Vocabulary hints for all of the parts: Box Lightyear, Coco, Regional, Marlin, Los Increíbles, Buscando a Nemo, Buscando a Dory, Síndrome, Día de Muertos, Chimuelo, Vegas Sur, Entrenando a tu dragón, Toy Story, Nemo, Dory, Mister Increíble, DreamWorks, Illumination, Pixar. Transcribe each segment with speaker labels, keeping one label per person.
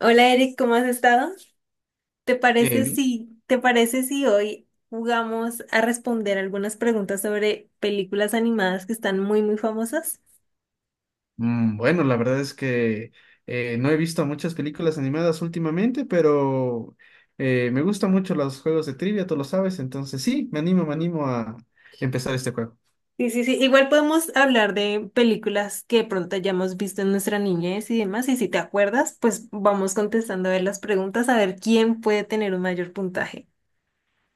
Speaker 1: Hola Eric, ¿cómo has estado? ¿Te
Speaker 2: Eh,
Speaker 1: parece
Speaker 2: vi-
Speaker 1: si, te parece si hoy jugamos a responder algunas preguntas sobre películas animadas que están muy, muy famosas?
Speaker 2: bueno, la verdad es que no he visto muchas películas animadas últimamente, pero me gustan mucho los juegos de trivia, tú lo sabes, entonces sí, me animo a empezar este juego.
Speaker 1: Sí, sí, sí. Igual podemos hablar de películas que de pronto hayamos visto en nuestra niñez y demás. Y si te acuerdas, pues vamos contestando a ver las preguntas, a ver quién puede tener un mayor puntaje.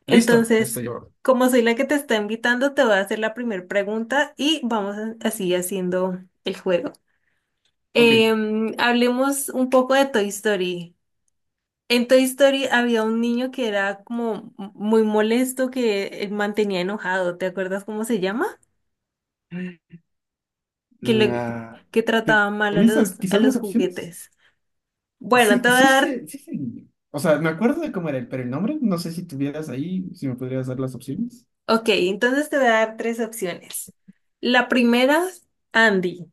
Speaker 2: Listo,
Speaker 1: Entonces,
Speaker 2: estoy yo.
Speaker 1: como soy la que te está invitando, te voy a hacer la primera pregunta y vamos así haciendo el juego.
Speaker 2: Ok.
Speaker 1: Hablemos un poco de Toy Story. En Toy Story había un niño que era como muy molesto, que mantenía enojado. ¿Te acuerdas cómo se llama? Que le,
Speaker 2: La...
Speaker 1: que trataba mal a
Speaker 2: ¿Tienes
Speaker 1: los, a
Speaker 2: quizás las
Speaker 1: los
Speaker 2: opciones?
Speaker 1: juguetes. Bueno,
Speaker 2: Sí,
Speaker 1: te voy a
Speaker 2: sí,
Speaker 1: dar,
Speaker 2: sí, sé. O sea, me acuerdo de cómo era, pero el nombre, no sé si tuvieras ahí, si me podrías dar las opciones.
Speaker 1: ok, entonces te voy a dar tres opciones. La primera, Andy.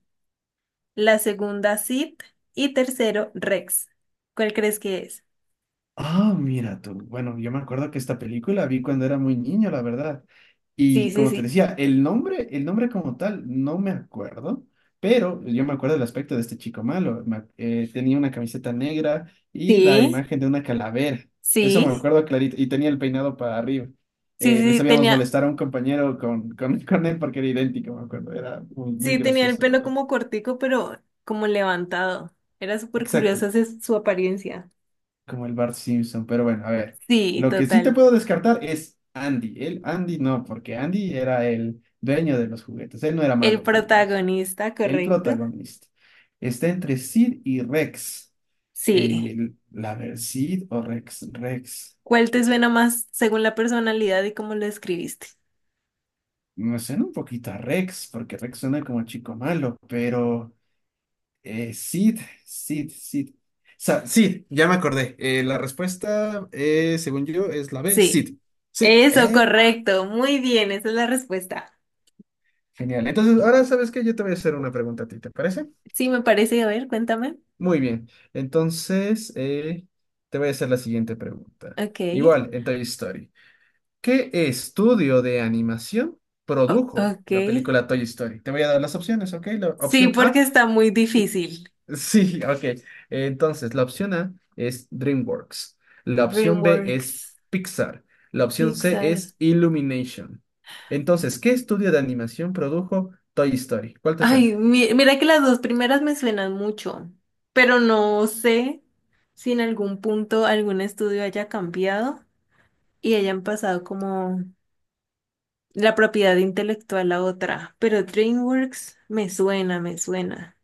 Speaker 1: La segunda, Sid. Y tercero, Rex. ¿Cuál crees que es?
Speaker 2: Ah, mira tú. Bueno, yo me acuerdo que esta película vi cuando era muy niño, la verdad.
Speaker 1: Sí,
Speaker 2: Y
Speaker 1: sí,
Speaker 2: como te
Speaker 1: sí.
Speaker 2: decía, el nombre como tal, no me acuerdo, pero yo me acuerdo del aspecto de este chico malo. Tenía una camiseta negra y la
Speaker 1: Sí,
Speaker 2: imagen de una calavera. Eso me
Speaker 1: sí,
Speaker 2: acuerdo clarito. Y tenía el peinado para arriba.
Speaker 1: sí,
Speaker 2: Le
Speaker 1: sí,
Speaker 2: sabíamos
Speaker 1: tenía.
Speaker 2: molestar a un compañero con él porque era idéntico, me acuerdo. Era muy, muy
Speaker 1: Sí, tenía el
Speaker 2: gracioso, la
Speaker 1: pelo
Speaker 2: verdad.
Speaker 1: como cortico, pero como levantado. Era súper
Speaker 2: Exacto.
Speaker 1: curiosa su apariencia.
Speaker 2: Como el Bart Simpson, pero bueno, a ver.
Speaker 1: Sí,
Speaker 2: Lo que sí te
Speaker 1: total.
Speaker 2: puedo descartar es Andy. El Andy no, porque Andy era el dueño de los juguetes. Él no era
Speaker 1: El
Speaker 2: malo con ellos.
Speaker 1: protagonista,
Speaker 2: El
Speaker 1: correcto.
Speaker 2: protagonista. Está entre Sid y Rex.
Speaker 1: Sí.
Speaker 2: Sid o Rex. Rex.
Speaker 1: ¿Cuál te suena más según la personalidad y cómo lo escribiste?
Speaker 2: Me suena un poquito a Rex, porque Rex suena como chico malo, pero eh, Sid, Sid. Sid, ya me acordé. La respuesta, según yo, es la B,
Speaker 1: Sí.
Speaker 2: Sid. Sí,
Speaker 1: Eso,
Speaker 2: eh.
Speaker 1: correcto. Muy bien, esa es la respuesta.
Speaker 2: Genial. Entonces, ahora sabes que yo te voy a hacer una pregunta a ti, ¿te parece?
Speaker 1: Sí, me parece. A ver, cuéntame.
Speaker 2: Muy bien. Entonces, te voy a hacer la siguiente pregunta.
Speaker 1: Ok.
Speaker 2: Igual, en Toy Story. ¿Qué estudio de animación produjo
Speaker 1: Ok.
Speaker 2: la película Toy Story? Te voy a dar las opciones, ¿ok? La
Speaker 1: Sí,
Speaker 2: opción
Speaker 1: porque
Speaker 2: A,
Speaker 1: está muy difícil.
Speaker 2: sí, ok. Entonces, la opción A es DreamWorks. La opción B es
Speaker 1: DreamWorks,
Speaker 2: Pixar. La opción C
Speaker 1: Pixar.
Speaker 2: es Illumination. Entonces, ¿qué estudio de animación produjo Toy Story? ¿Cuál te suena?
Speaker 1: Ay, mira que las dos primeras me suenan mucho, pero no sé si en algún punto algún estudio haya cambiado y hayan pasado como la propiedad intelectual a otra, pero DreamWorks me suena, me suena.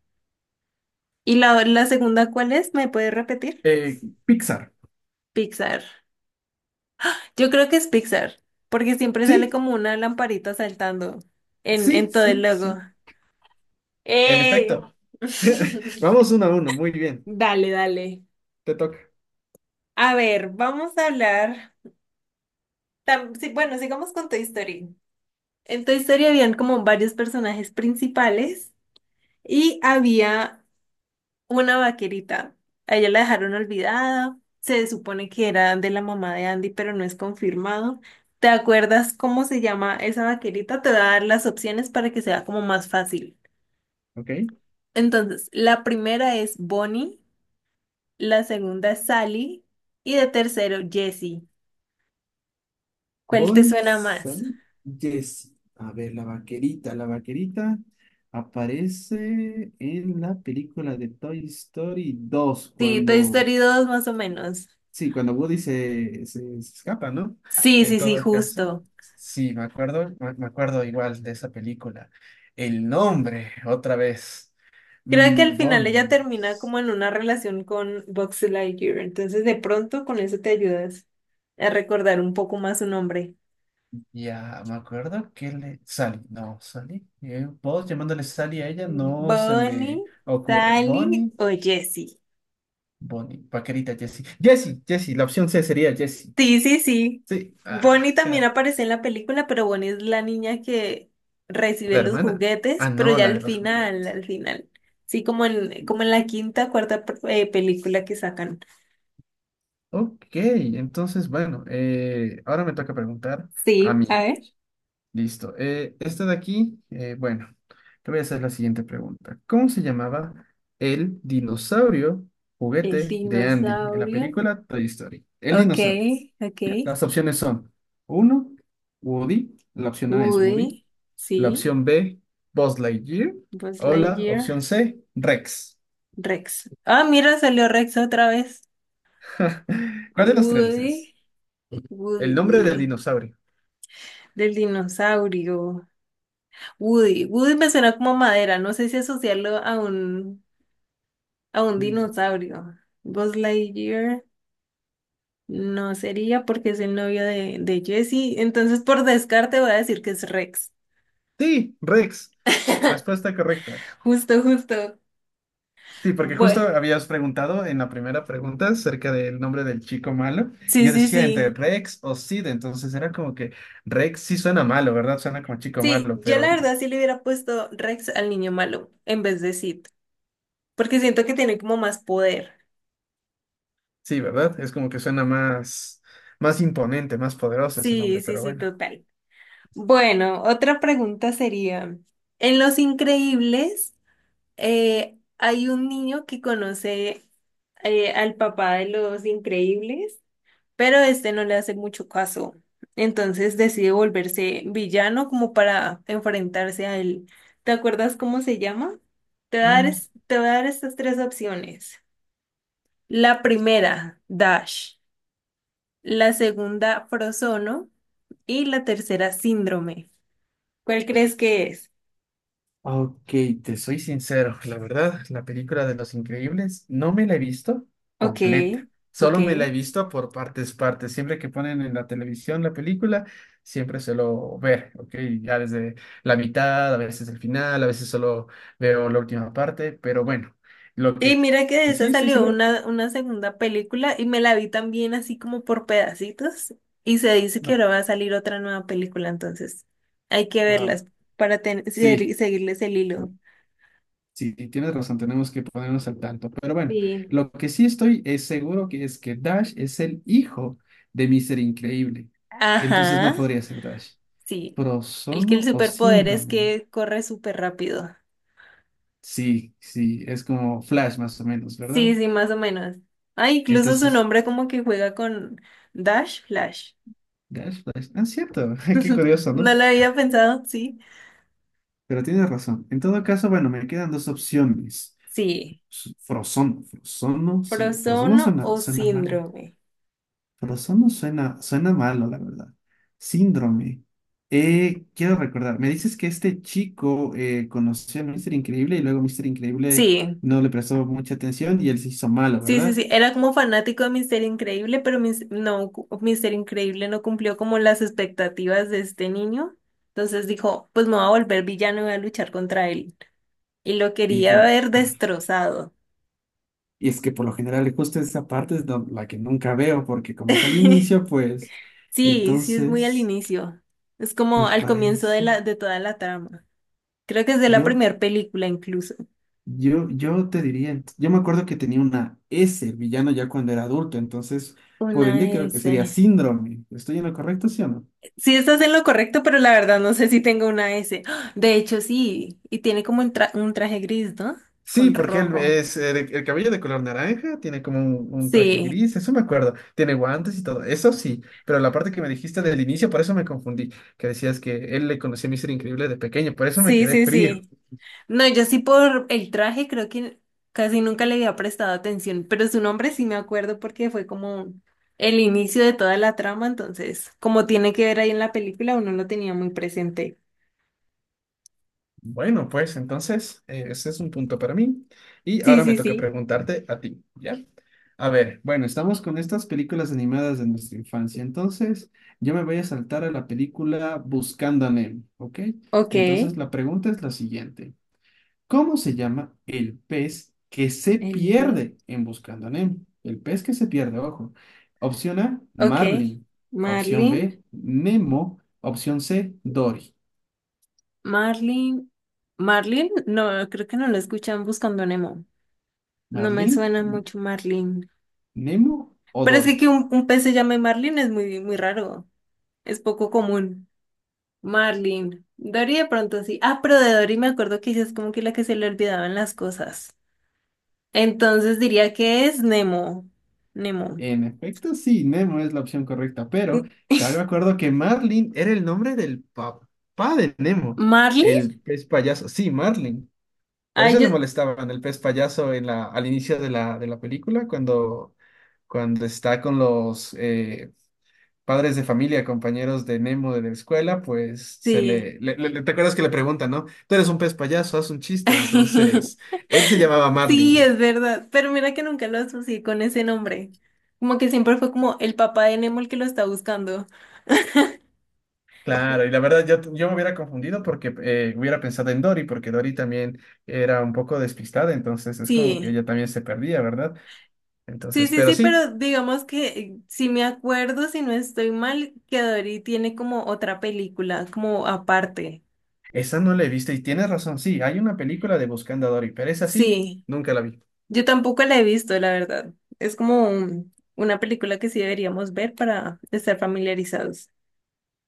Speaker 1: ¿Y la segunda cuál es? ¿Me puedes repetir?
Speaker 2: Pixar.
Speaker 1: Pixar. Yo creo que es Pixar, porque siempre sale
Speaker 2: Sí,
Speaker 1: como una lamparita saltando en
Speaker 2: sí,
Speaker 1: todo el
Speaker 2: sí,
Speaker 1: logo.
Speaker 2: sí. En
Speaker 1: ¡Eh!
Speaker 2: efecto. Vamos uno a uno, muy bien.
Speaker 1: Dale, dale.
Speaker 2: Te toca.
Speaker 1: A ver, vamos a hablar. Sí, bueno, sigamos con Toy Story. En Toy Story habían como varios personajes principales y había una vaquerita. A ella la dejaron olvidada. Se supone que era de la mamá de Andy, pero no es confirmado. ¿Te acuerdas cómo se llama esa vaquerita? Te voy a dar las opciones para que sea como más fácil.
Speaker 2: ¿Ok?
Speaker 1: Entonces, la primera es Bonnie, la segunda es Sally y de tercero Jessie. ¿Cuál te
Speaker 2: Bonnie,
Speaker 1: suena más?
Speaker 2: Sally, Jessie. A ver, la vaquerita. La vaquerita aparece en la película de Toy Story dos
Speaker 1: Sí, Toy
Speaker 2: cuando,
Speaker 1: Story 2 más o menos.
Speaker 2: sí, cuando Woody se escapa, ¿no?
Speaker 1: Sí,
Speaker 2: En
Speaker 1: sí, sí,
Speaker 2: todo caso,
Speaker 1: justo.
Speaker 2: sí, me acuerdo igual de esa película. El nombre, otra vez,
Speaker 1: Creo que al final ella
Speaker 2: Bonnie.
Speaker 1: termina como en una relación con Box Lightyear, entonces de pronto con eso te ayudas a recordar un poco más su nombre.
Speaker 2: Ya, me acuerdo que Sally, no, Sally. Vos llamándole Sally a ella no se
Speaker 1: Bonnie,
Speaker 2: me ocurre.
Speaker 1: Sally
Speaker 2: Bonnie,
Speaker 1: o Jessie.
Speaker 2: Bonnie, paquerita Jessie. Jessie, Jessie, la opción C sería Jessie.
Speaker 1: Sí, sí, sí.
Speaker 2: Sí, ah,
Speaker 1: Bonnie también aparece en la película, pero Bonnie es la niña que recibe
Speaker 2: la
Speaker 1: los
Speaker 2: hermana. Ah,
Speaker 1: juguetes, pero
Speaker 2: no,
Speaker 1: ya
Speaker 2: la
Speaker 1: al
Speaker 2: de los
Speaker 1: final,
Speaker 2: juguetes.
Speaker 1: al final. Sí, como en, como en la quinta, cuarta película que sacan.
Speaker 2: Ok, entonces, bueno, ahora me toca preguntar a
Speaker 1: Sí,
Speaker 2: mí.
Speaker 1: a ver.
Speaker 2: Listo. Esta de aquí, bueno, te voy a hacer la siguiente pregunta. ¿Cómo se llamaba el dinosaurio
Speaker 1: El
Speaker 2: juguete de Andy en la
Speaker 1: dinosaurio.
Speaker 2: película Toy Story? El
Speaker 1: Ok,
Speaker 2: dinosaurio.
Speaker 1: ok.
Speaker 2: Las opciones son uno, Woody. La opción A es Woody.
Speaker 1: Woody,
Speaker 2: La
Speaker 1: sí.
Speaker 2: opción B, Buzz Lightyear.
Speaker 1: Buzz
Speaker 2: O la opción
Speaker 1: Lightyear.
Speaker 2: C, Rex.
Speaker 1: Rex. Ah, mira, salió Rex otra vez.
Speaker 2: ¿Cuál de los tres
Speaker 1: Woody,
Speaker 2: es? El
Speaker 1: Woody,
Speaker 2: nombre del
Speaker 1: Woody.
Speaker 2: dinosaurio.
Speaker 1: Del dinosaurio. Woody. Woody me suena como madera. No sé si asociarlo a un
Speaker 2: Dinosaurio.
Speaker 1: dinosaurio. Buzz Lightyear no sería porque es el novio de Jessie. Entonces, por descarte, voy a decir que es Rex.
Speaker 2: Sí, Rex. Respuesta correcta.
Speaker 1: Justo, justo.
Speaker 2: Sí, porque justo
Speaker 1: Bueno,
Speaker 2: habías preguntado en la primera pregunta acerca del nombre del chico malo, y
Speaker 1: sí,
Speaker 2: yo
Speaker 1: sí,
Speaker 2: decía entre
Speaker 1: sí.
Speaker 2: Rex o Sid, entonces era como que Rex sí suena malo, ¿verdad? Suena como chico
Speaker 1: Sí,
Speaker 2: malo,
Speaker 1: yo la
Speaker 2: pero
Speaker 1: verdad sí le hubiera puesto Rex al niño malo en vez de Sid, porque siento que tiene como más poder.
Speaker 2: sí, ¿verdad? Es como que suena más, más imponente, más poderoso ese
Speaker 1: Sí,
Speaker 2: nombre,
Speaker 1: sí,
Speaker 2: pero
Speaker 1: sí,
Speaker 2: bueno.
Speaker 1: total. Bueno, otra pregunta sería, en Los Increíbles hay un niño que conoce al papá de Los Increíbles, pero este no le hace mucho caso, entonces decide volverse villano como para enfrentarse a él. ¿Te acuerdas cómo se llama? Te voy a dar estas tres opciones. La primera, Dash. La segunda, Frozono. Y la tercera, Síndrome. ¿Cuál crees que es?
Speaker 2: Ok, te soy sincero, la verdad, la película de Los Increíbles no me la he visto
Speaker 1: Ok,
Speaker 2: completa,
Speaker 1: ok.
Speaker 2: solo me la he visto por partes, partes. Siempre que ponen en la televisión la película, siempre suelo ver, ok, ya desde la mitad, a veces el final, a veces solo veo la última parte, pero bueno, lo
Speaker 1: Y
Speaker 2: que
Speaker 1: mira que de
Speaker 2: sí
Speaker 1: esa
Speaker 2: estoy
Speaker 1: salió
Speaker 2: seguro,
Speaker 1: una segunda película y me la vi también así como por pedacitos. Y se dice que
Speaker 2: no,
Speaker 1: ahora va a salir otra nueva película, entonces hay que
Speaker 2: wow,
Speaker 1: verlas para
Speaker 2: sí.
Speaker 1: seguirles el hilo.
Speaker 2: Sí, tienes razón, tenemos que ponernos al tanto. Pero bueno,
Speaker 1: Sí.
Speaker 2: lo que sí estoy es seguro que es que Dash es el hijo de Mister Increíble. Entonces no
Speaker 1: Ajá,
Speaker 2: podría ser Dash.
Speaker 1: sí. El que el
Speaker 2: Prosono o
Speaker 1: superpoder es
Speaker 2: síndrome.
Speaker 1: que corre súper rápido.
Speaker 2: Sí, sí, es como Flash más o menos,
Speaker 1: Sí,
Speaker 2: ¿verdad?
Speaker 1: sí, más o menos. Ah, incluso su
Speaker 2: Entonces,
Speaker 1: nombre como que juega con Dash Flash.
Speaker 2: Dash, Flash. Ah, cierto, qué curioso, ¿no?
Speaker 1: No lo había pensado, sí.
Speaker 2: Pero tienes razón. En todo caso, bueno, me quedan dos opciones.
Speaker 1: Sí.
Speaker 2: Frozono, sí, Frozono
Speaker 1: Prosono o
Speaker 2: suena malo.
Speaker 1: síndrome.
Speaker 2: Pero no suena malo, la verdad. Síndrome. Quiero recordar, me dices que este chico conoció a Mister Increíble y luego Mister Increíble
Speaker 1: Sí,
Speaker 2: no le prestó mucha atención y él se hizo malo,
Speaker 1: sí, sí,
Speaker 2: ¿verdad?
Speaker 1: sí. Era como fanático de Mister Increíble, pero no, Mister Increíble no cumplió como las expectativas de este niño. Entonces dijo, pues me voy a volver villano y voy a luchar contra él. Y lo
Speaker 2: Y,
Speaker 1: quería
Speaker 2: por-
Speaker 1: ver
Speaker 2: ah,
Speaker 1: destrozado.
Speaker 2: y es que por lo general justo esa parte es la que nunca veo porque como es al inicio, pues
Speaker 1: Sí, sí es muy al
Speaker 2: entonces
Speaker 1: inicio. Es como
Speaker 2: me
Speaker 1: al comienzo
Speaker 2: parece,
Speaker 1: de toda la trama. Creo que es de la
Speaker 2: yo
Speaker 1: primera película incluso.
Speaker 2: yo te diría, yo me acuerdo que tenía una S, el villano, ya cuando era adulto, entonces, por
Speaker 1: Una
Speaker 2: ende, creo que sería
Speaker 1: S.
Speaker 2: síndrome. ¿Estoy en lo correcto, sí o no?
Speaker 1: Sí, estás en lo correcto, pero la verdad no sé si tengo una S. ¡Ah! De hecho, sí. Y tiene como un traje gris, ¿no?
Speaker 2: Sí,
Speaker 1: Con
Speaker 2: porque él
Speaker 1: rojo.
Speaker 2: es el cabello de color naranja, tiene como un traje
Speaker 1: Sí,
Speaker 2: gris, eso me acuerdo, tiene guantes y todo, eso sí, pero la parte que me dijiste del inicio, por eso me confundí, que decías que él le conocía a Mister Increíble de pequeño, por eso me
Speaker 1: sí,
Speaker 2: quedé
Speaker 1: sí,
Speaker 2: frío.
Speaker 1: sí. No, yo sí por el traje creo que casi nunca le había prestado atención, pero su nombre sí me acuerdo porque fue como el inicio de toda la trama, entonces como tiene que ver ahí en la película, uno lo tenía muy presente.
Speaker 2: Bueno, pues entonces ese es un punto para mí. Y
Speaker 1: Sí,
Speaker 2: ahora me
Speaker 1: sí,
Speaker 2: toca
Speaker 1: sí.
Speaker 2: preguntarte a ti, ¿ya? A ver, bueno, estamos con estas películas animadas de nuestra infancia. Entonces, yo me voy a saltar a la película Buscando a Nemo, ¿ok?
Speaker 1: Ok,
Speaker 2: Entonces,
Speaker 1: el
Speaker 2: la pregunta es la siguiente. ¿Cómo se llama el pez que se
Speaker 1: B.
Speaker 2: pierde en Buscando a Nemo? El pez que se pierde, ojo. Opción A,
Speaker 1: Ok,
Speaker 2: Marlin. Opción
Speaker 1: Marlin,
Speaker 2: B, Nemo. Opción C, Dory.
Speaker 1: Marlin, Marlin, no, creo que no lo escuchan buscando a Nemo. No me
Speaker 2: Marlin,
Speaker 1: suena mucho Marlin.
Speaker 2: Nemo o
Speaker 1: Pero es que,
Speaker 2: Dory.
Speaker 1: que un pez se llame Marlin es muy, muy raro, es poco común. Marlin. Dory de pronto sí. Ah, pero de Dory me acuerdo que ella es como que la que se le olvidaban las cosas. Entonces diría que es Nemo. Nemo.
Speaker 2: En efecto, sí, Nemo es la opción correcta, pero también me acuerdo que Marlin era el nombre del papá de Nemo,
Speaker 1: ¿Marlin?
Speaker 2: el pez payaso. Sí, Marlin. Por
Speaker 1: Ay,
Speaker 2: eso le
Speaker 1: yo
Speaker 2: molestaban el pez payaso en al inicio de la película, cuando está con los padres de familia, compañeros de Nemo de la escuela, pues se
Speaker 1: sí.
Speaker 2: le, le- le- ¿te acuerdas que le preguntan, no? Tú eres un pez payaso, haz un chiste. Entonces, él se llamaba
Speaker 1: Sí,
Speaker 2: Marlin.
Speaker 1: es verdad. Pero mira que nunca lo asocié con ese nombre. Como que siempre fue como el papá de Nemo el que lo está buscando.
Speaker 2: Claro, y la verdad yo me hubiera confundido porque hubiera pensado en Dory, porque Dory también era un poco despistada, entonces es como que
Speaker 1: Sí.
Speaker 2: ella también se perdía, ¿verdad?
Speaker 1: Sí,
Speaker 2: Entonces,
Speaker 1: sí,
Speaker 2: pero
Speaker 1: sí,
Speaker 2: sí,
Speaker 1: pero digamos que si me acuerdo, si no estoy mal, que Dory tiene como otra película, como aparte.
Speaker 2: esa no la he visto y tienes razón, sí, hay una película de Buscando a Dory, pero esa sí,
Speaker 1: Sí,
Speaker 2: nunca la vi.
Speaker 1: yo tampoco la he visto, la verdad. Es como una película que sí deberíamos ver para estar familiarizados.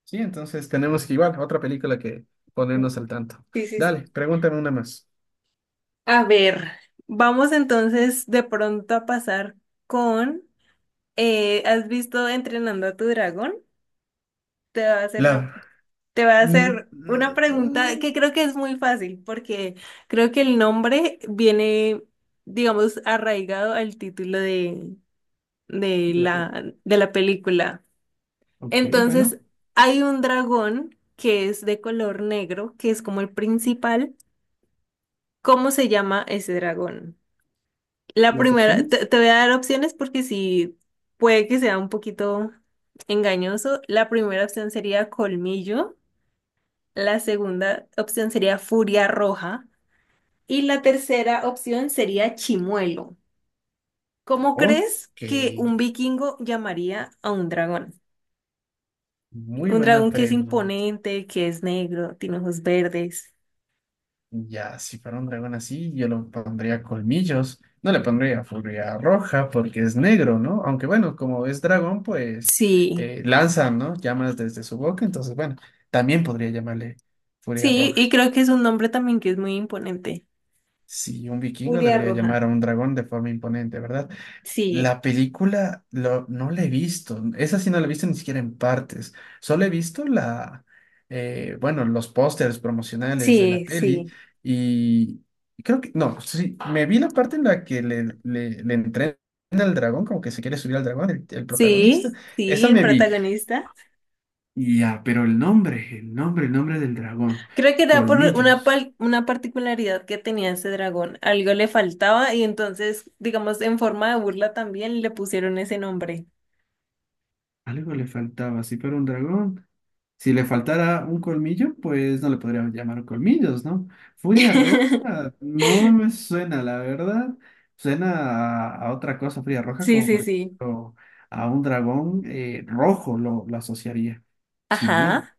Speaker 2: Sí, entonces tenemos que igual, otra película que ponernos al tanto.
Speaker 1: Sí, sí, sí.
Speaker 2: Dale, pregúntame una más.
Speaker 1: A ver, vamos entonces de pronto a pasar con, ¿has visto Entrenando a tu dragón? Te va a hacer una
Speaker 2: La...
Speaker 1: Te voy a
Speaker 2: Mm,
Speaker 1: hacer una pregunta
Speaker 2: mm,
Speaker 1: que creo que es muy fácil, porque creo que el nombre viene, digamos, arraigado al título
Speaker 2: de la peli-
Speaker 1: de la película.
Speaker 2: Ok,
Speaker 1: Entonces,
Speaker 2: bueno,
Speaker 1: hay un dragón que es de color negro, que es como el principal. ¿Cómo se llama ese dragón? La
Speaker 2: las
Speaker 1: primera,
Speaker 2: opciones.
Speaker 1: te voy a dar opciones porque sí, puede que sea un poquito engañoso. La primera opción sería colmillo. La segunda opción sería Furia Roja. Y la tercera opción sería Chimuelo. ¿Cómo
Speaker 2: Ok,
Speaker 1: crees que un vikingo llamaría a un dragón?
Speaker 2: muy
Speaker 1: Un
Speaker 2: buena
Speaker 1: dragón que es
Speaker 2: pregunta.
Speaker 1: imponente, que es negro, tiene ojos verdes.
Speaker 2: Ya, si fuera un dragón así, yo lo pondría colmillos. No le pondría furia roja porque es negro, ¿no? Aunque bueno, como es dragón, pues
Speaker 1: Sí,
Speaker 2: lanza, ¿no? Llamas desde su boca, entonces bueno, también podría llamarle furia
Speaker 1: sí,
Speaker 2: roja.
Speaker 1: y creo que es un nombre también que es muy imponente.
Speaker 2: Si un vikingo
Speaker 1: Furia
Speaker 2: debería llamar a
Speaker 1: Roja.
Speaker 2: un dragón de forma imponente, ¿verdad?
Speaker 1: Sí,
Speaker 2: La película no la he visto. Esa sí no la he visto ni siquiera en partes. Solo he visto bueno, los pósters promocionales de la
Speaker 1: sí,
Speaker 2: peli
Speaker 1: sí.
Speaker 2: y creo que, no, sí, me vi la parte en la que le entrena al dragón, como que se quiere subir al dragón, el protagonista.
Speaker 1: Sí, sí,
Speaker 2: Esa
Speaker 1: el
Speaker 2: me vi.
Speaker 1: protagonista.
Speaker 2: Ya, pero el nombre del dragón.
Speaker 1: Creo que era por
Speaker 2: Colmillos.
Speaker 1: una particularidad que tenía ese dragón. Algo le faltaba y entonces, digamos, en forma de burla también le pusieron ese nombre.
Speaker 2: Algo le faltaba. Si fuera un dragón. Si le faltara un colmillo, pues no le podríamos llamar colmillos, ¿no? Furia Roja no me suena, la verdad. Suena a otra cosa, Furia Roja,
Speaker 1: Sí,
Speaker 2: como
Speaker 1: sí,
Speaker 2: por
Speaker 1: sí.
Speaker 2: ejemplo a un dragón rojo lo asociaría. Chimuelo.
Speaker 1: Ajá.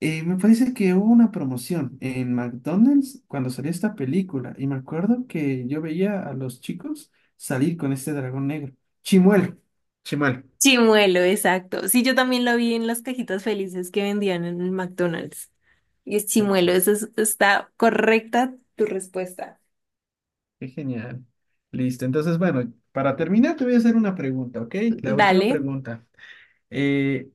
Speaker 2: Me parece que hubo una promoción en McDonald's cuando salió esta película y me acuerdo que yo veía a los chicos salir con este dragón negro. Chimuelo. Chimuelo.
Speaker 1: Chimuelo, exacto. Sí, yo también lo vi en las cajitas felices que vendían en el McDonald's. Y es chimuelo, está correcta tu respuesta.
Speaker 2: Qué genial. Listo. Entonces, bueno, para terminar, te voy a hacer una pregunta, ¿ok? La última
Speaker 1: Dale.
Speaker 2: pregunta. Eh,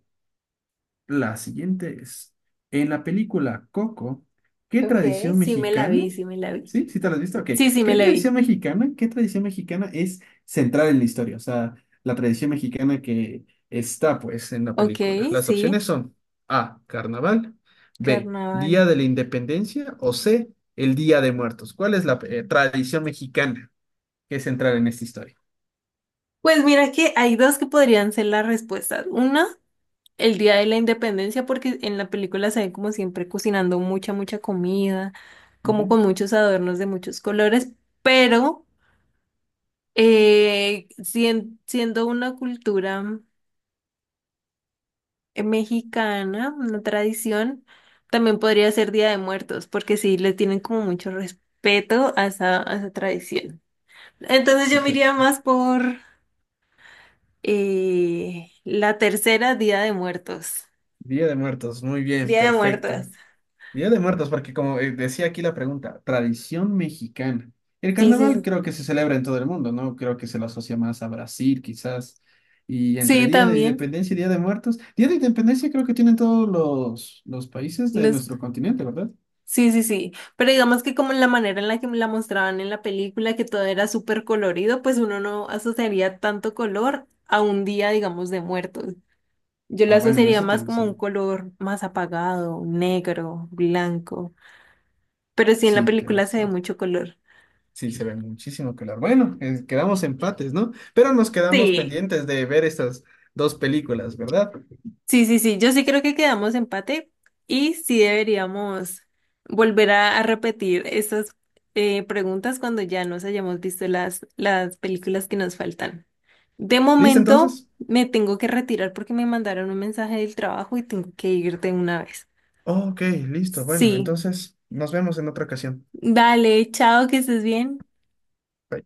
Speaker 2: la siguiente es, en la película Coco, ¿qué
Speaker 1: Ok,
Speaker 2: tradición
Speaker 1: sí me la
Speaker 2: mexicana?
Speaker 1: vi, sí me la vi.
Speaker 2: ¿Sí? ¿Sí te la has visto? Ok.
Speaker 1: Sí, sí me
Speaker 2: ¿Qué
Speaker 1: la vi.
Speaker 2: tradición mexicana? ¿Qué tradición mexicana es central en la historia? O sea, la tradición mexicana que está, pues, en la
Speaker 1: Ok,
Speaker 2: película. Las opciones
Speaker 1: sí.
Speaker 2: son A, carnaval, B,
Speaker 1: Carnaval.
Speaker 2: Día de la Independencia o C, el Día de Muertos. ¿Cuál es la tradición mexicana que es central en esta historia?
Speaker 1: Pues mira que hay dos que podrían ser las respuestas. Una, el Día de la Independencia, porque en la película se ve como siempre cocinando mucha, mucha comida,
Speaker 2: Ujú,
Speaker 1: como con muchos adornos de muchos colores, pero siendo una cultura mexicana, una tradición, también podría ser Día de Muertos, porque sí le tienen como mucho respeto a esa tradición. Entonces yo me iría
Speaker 2: exacto.
Speaker 1: más por la tercera Día de Muertos.
Speaker 2: Día de Muertos, muy bien,
Speaker 1: Día de Muertos.
Speaker 2: perfecto. Día de Muertos, porque como decía aquí la pregunta, tradición mexicana. El
Speaker 1: Sí, sí,
Speaker 2: carnaval
Speaker 1: sí.
Speaker 2: creo que se celebra en todo el mundo, ¿no? Creo que se lo asocia más a Brasil, quizás. Y entre
Speaker 1: Sí,
Speaker 2: Día de
Speaker 1: también.
Speaker 2: Independencia y Día de Muertos, Día de Independencia creo que tienen todos los países de
Speaker 1: Los...
Speaker 2: nuestro continente, ¿verdad?
Speaker 1: Sí, sí, sí. Pero digamos que como la manera en la que me la mostraban en la película, que todo era súper colorido, pues uno no asociaría tanto color a un día, digamos, de muertos. Yo lo
Speaker 2: Ah, bueno, en
Speaker 1: asociaría
Speaker 2: eso
Speaker 1: más
Speaker 2: tienes,
Speaker 1: como un color más apagado, negro, blanco. Pero sí, en la
Speaker 2: sí, tienes
Speaker 1: película se ve
Speaker 2: razón.
Speaker 1: mucho color.
Speaker 2: Sí, se ve muchísimo color. Bueno, quedamos empates, ¿no? Pero nos quedamos
Speaker 1: Sí.
Speaker 2: pendientes de ver estas dos películas, ¿verdad?
Speaker 1: Sí, sí, sí, yo sí creo que quedamos empate y sí deberíamos volver a repetir esas preguntas cuando ya nos hayamos visto las películas que nos faltan. De
Speaker 2: ¿Listo
Speaker 1: momento
Speaker 2: entonces?
Speaker 1: me tengo que retirar porque me mandaron un mensaje del trabajo y tengo que irte una vez.
Speaker 2: Ok, listo. Bueno,
Speaker 1: Sí,
Speaker 2: entonces nos vemos en otra ocasión.
Speaker 1: dale, chao, que estés bien.
Speaker 2: Bye.